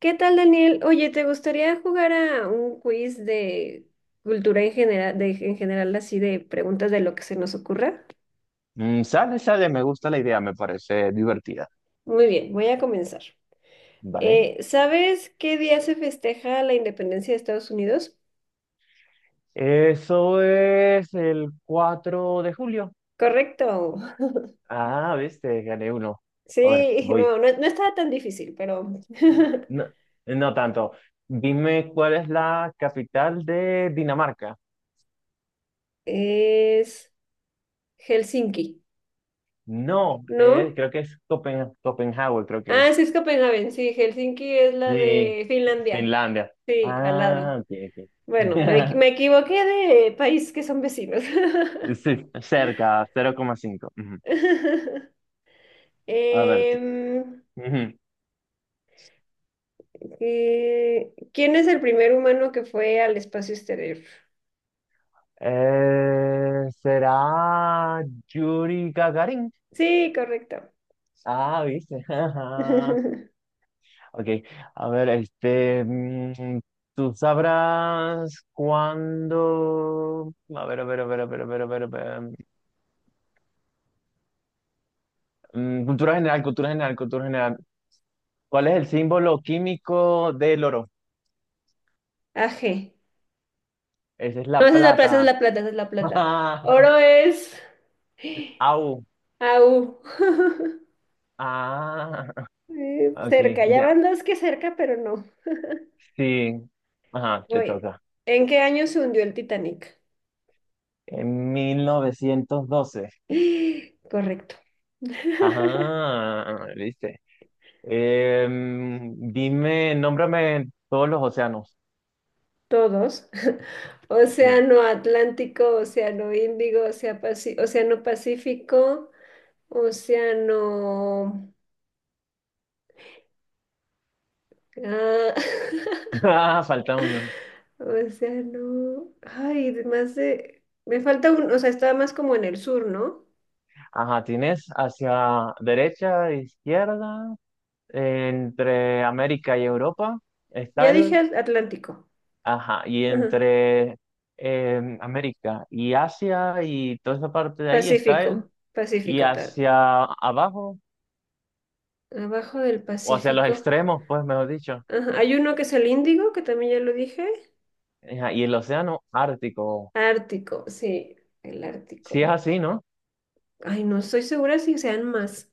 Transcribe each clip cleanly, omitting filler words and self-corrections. ¿Qué tal, Daniel? Oye, ¿te gustaría jugar a un quiz de cultura en general, en general así de preguntas de lo que se nos ocurra? Sale, sale, me gusta la idea, me parece divertida, Muy bien, voy a comenzar. ¿vale? ¿Sabes qué día se festeja la independencia de Estados Unidos? Eso es el 4 de julio. Correcto. Ah, viste, gané uno. A ver, Sí, no, voy. no, no estaba tan difícil, pero No, no tanto. Dime cuál es la capital de Dinamarca. es Helsinki, No, ¿no? creo que es Copenhague, creo que Ah, es. sí, es Copenhague, sí, Helsinki es la Sí, de Finlandia. Finlandia. Sí, al lado. Ah, ok, ok. Bueno, me equivoqué de país que son vecinos. Sí, cerca, 0,5. Ujú. A ver, tú. Em, Ujú. ¿Quién es el primer humano que fue al espacio exterior? ¿Será Yuri Gagarin? Sí, correcto. Ah, viste. Ok, a ver, este, tú sabrás cuándo. A ver, a ver, a ver, a ver, a ver, a ver, a ver. Cultura general, cultura general, cultura general. ¿Cuál es el símbolo químico del oro? AG. Esa es No, la esa es la plata, esa es plata. la plata, esa es la plata. Oro es Au. AU. Ah, ok, Cerca, ya ya. van dos que cerca, pero no. Sí. Ajá, te Voy. toca. ¿En qué año se hundió el Titanic? En 1912. Correcto. Ajá, ¿viste? Dime, nómbrame todos los océanos. Todos, Sí. Océano Atlántico, Océano Índigo, Océano Pacífico, Océano, ah, Ah, falta uno. Océano. Ay, de más de. Me falta un. O sea, estaba más como en el sur, ¿no? Ajá, tienes hacia derecha, izquierda, entre América y Europa está Ya dije el, Atlántico. ajá, y Ajá. entre América y Asia y toda esa parte de ahí está el, Pacífico, y Pacífico, tal. hacia abajo, Abajo del o hacia los Pacífico. extremos, pues, mejor dicho. Ajá. Hay uno que es el Índigo, que también ya lo dije. Ajá, y el océano Ártico, Ártico, sí, el si es Ártico. así, ¿no? Ay, no estoy segura si sean más,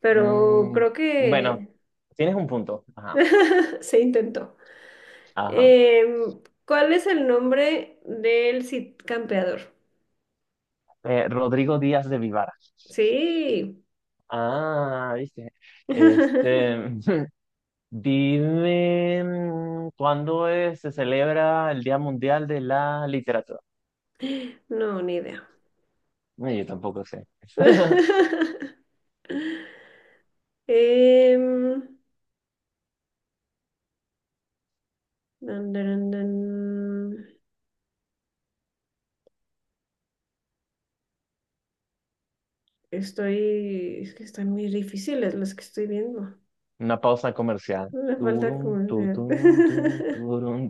pero Mm, creo bueno, que tienes un punto. Ajá, se intentó. ajá. ¿Cuál es el nombre del Cid campeador? Rodrigo Díaz de Vivar. Sí. Ah, viste. Este, dime, cuándo se celebra el Día Mundial de la Literatura. No, ni idea. Yo tampoco sé. Em, Dun, dun, dun, dun. Es que están muy difíciles las que estoy viendo. Una pausa comercial. Me falta Turum, como, sea. tutum, tum, tu, turum,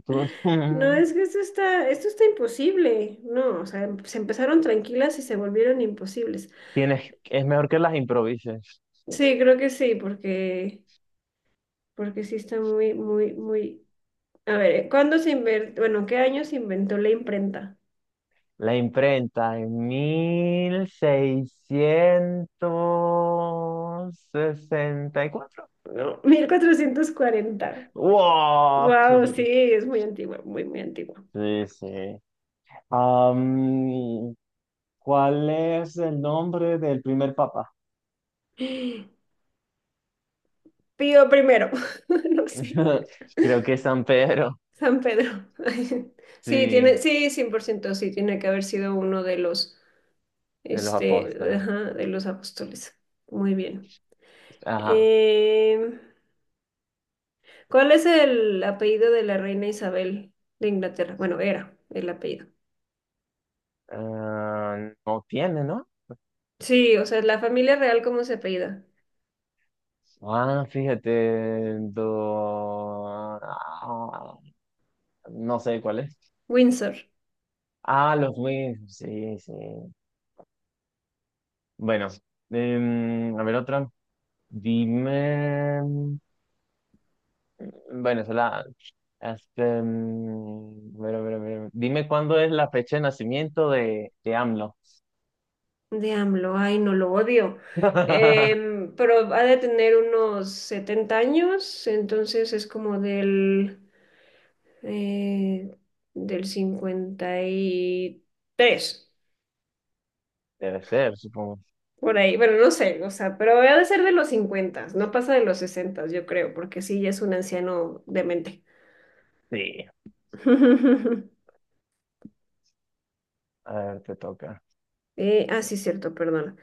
No, tutum. es que esto está imposible. No, o sea, se empezaron tranquilas y se volvieron imposibles. Tienes, es mejor que las improvises. Sí, creo que sí, porque sí está muy, muy, muy. A ver, ¿cuándo se inventó? Bueno, ¿qué año se inventó la imprenta? La imprenta en 1664. No, 1440. ¡Wow! Wow, sí, es muy antigua, muy, muy antigua. Sí, sí. Am, ¿Cuál es el nombre del primer papa? Pío primero, no sé. Creo que es San Pedro. San Pedro. Sí, Sí, tiene, sí, 100% sí, tiene que haber sido uno de los, de los este, apóstoles. ajá, de los apóstoles. Muy bien. Ajá. Em, ¿Cuál es el apellido de la reina Isabel de Inglaterra? Bueno, era el apellido. Ah, no tiene, ¿no? Sí, o sea, la familia real, ¿cómo se apellida? Ah, fíjate. No sé cuál es. Windsor, Ah, los mismos. Sí, sí. Bueno, a ver otra. Dime. Bueno, esa la. Este, a ver, a ver, a ver. Dime cuándo es la fecha de nacimiento de AMLO. de AMLO. Ay, no lo odio. Pero ha de tener unos 70 años, entonces es como eh, del 53. Debe ser, supongo. Por ahí, bueno, no sé, o sea, pero ha de ser de los 50, no pasa de los 60, yo creo, porque sí, ya es un anciano demente. Sí. A ver, te toca. Ah, sí, cierto, perdona.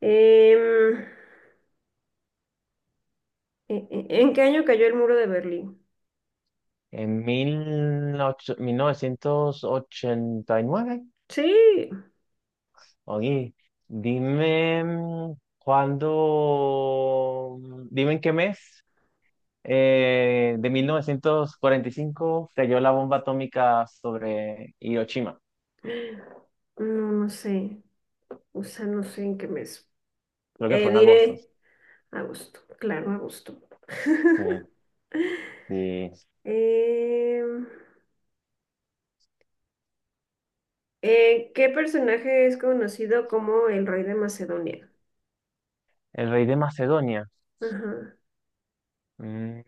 Em, ¿En qué año cayó el muro de Berlín? En 1989. Sí, Oye, dime, cuándo. Dime en qué mes, de 1945 cayó la bomba atómica sobre Hiroshima. no, no sé, o sea, no sé en qué mes. Creo que fue en agosto. Diré agosto, claro, agosto. Sí, sí. Em, ¿Qué personaje es conocido como el rey de Macedonia? El rey de Macedonia. Ajá. Mm.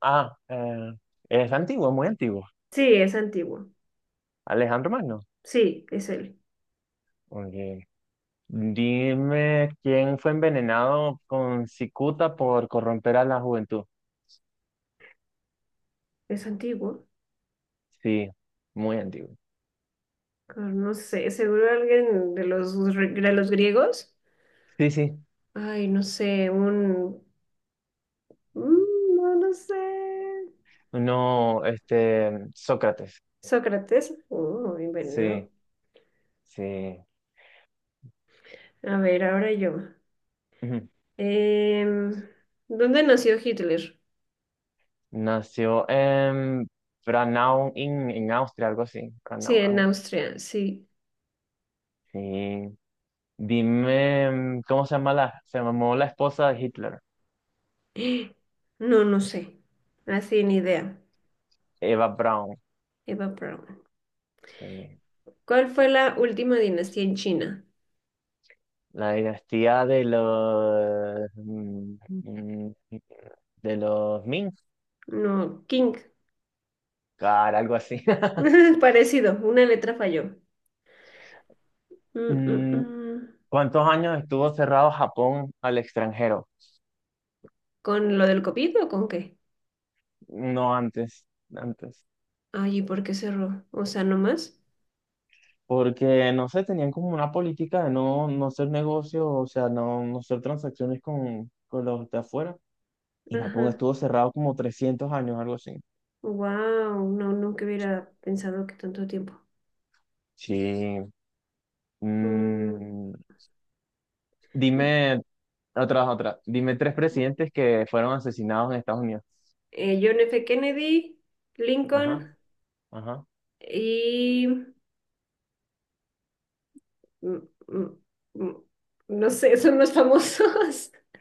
Ah, es antiguo, muy antiguo. Sí, es antiguo. Alejandro Magno. Sí, es él. Ok. Dime quién fue envenenado con cicuta por corromper a la juventud. Es antiguo. Sí, muy antiguo. Ah, no sé, seguro alguien de los griegos. Sí, sí. Ay, no sé, no, no sé. No, este, Sócrates. Sócrates. Oh, envenenado. Sí, sí. A ver, ahora yo. Em, ¿Dónde nació Hitler? Nació en Braunau, en Austria, algo así. Sí, en Braunau, Austria, sí. sí. Dime, ¿cómo se llamó la esposa de Hitler? No, no sé. Así ni idea. Eva Braun. Eva Braun. Sí. ¿Cuál fue la última dinastía en China? La dinastía de los, de los Ming, No, King. Algo así. Parecido, una letra falló. Mm, mm, Mm, mm. ¿Cuántos años estuvo cerrado Japón al extranjero? ¿Con lo del COVID o con qué? No antes, antes. Ay, ¿y por qué cerró? O sea, ¿no más? Porque no sé, tenían como una política de no, no hacer negocios, o sea, no, no hacer transacciones con los de afuera. Y Japón Ajá. estuvo cerrado como 300 años, algo así. Wow, no, nunca hubiera pensado que tanto tiempo. Sí. Mm, Mm, Dime, otra, otra. Dime tres presidentes que fueron asesinados en Estados Unidos. John F. Kennedy, Lincoln Ajá, ajá. y... mm, mm, mm, no sé, son los famosos.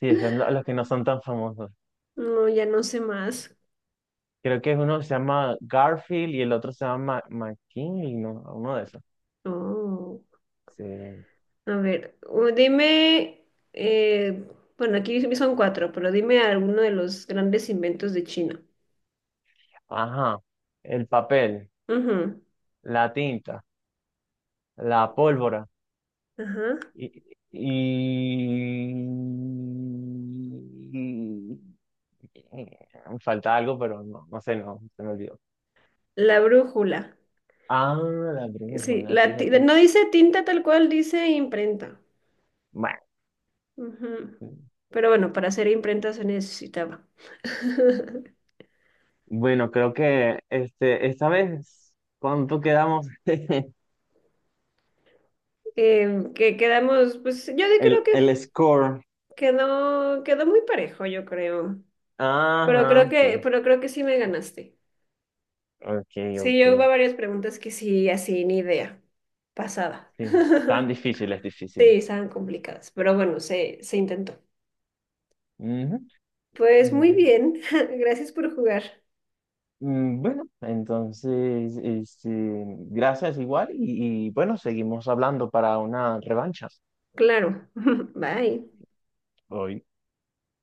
Sí, son los que no son tan famosos. No, ya no sé más. Creo que es uno que se llama Garfield y el otro se llama McKinley, ¿no? Uno de esos. Oh, Sí. a ver, eh, bueno, aquí son cuatro, pero dime alguno de los grandes inventos de China. Ajá. El papel, Ujú. la tinta, la pólvora. Ajá. Y, y- Me falta algo, pero no, no sé, no, se me olvidó. La brújula. Ah, la Sí, brújula, fíjate. no dice tinta tal cual, dice imprenta. Bueno, Ujú. Pero bueno, para hacer imprenta se necesitaba. bueno, creo que este, esta vez, ¿cuánto quedamos? Que quedamos, pues yo creo El, que el score. quedó muy parejo, yo creo. Pero creo Ajá, que, sí. pero creo que sí me ganaste. Ok, Sí, ok. yo hubo varias preguntas que sí, así, ni idea. Pasada. Sí. Tan difíciles, Sí, difíciles. estaban complicadas, pero bueno, se intentó. Pues muy Ujú. bien, gracias por jugar. Bueno, entonces, este, gracias igual y bueno, seguimos hablando para una revancha. Claro. Bye. Hoy.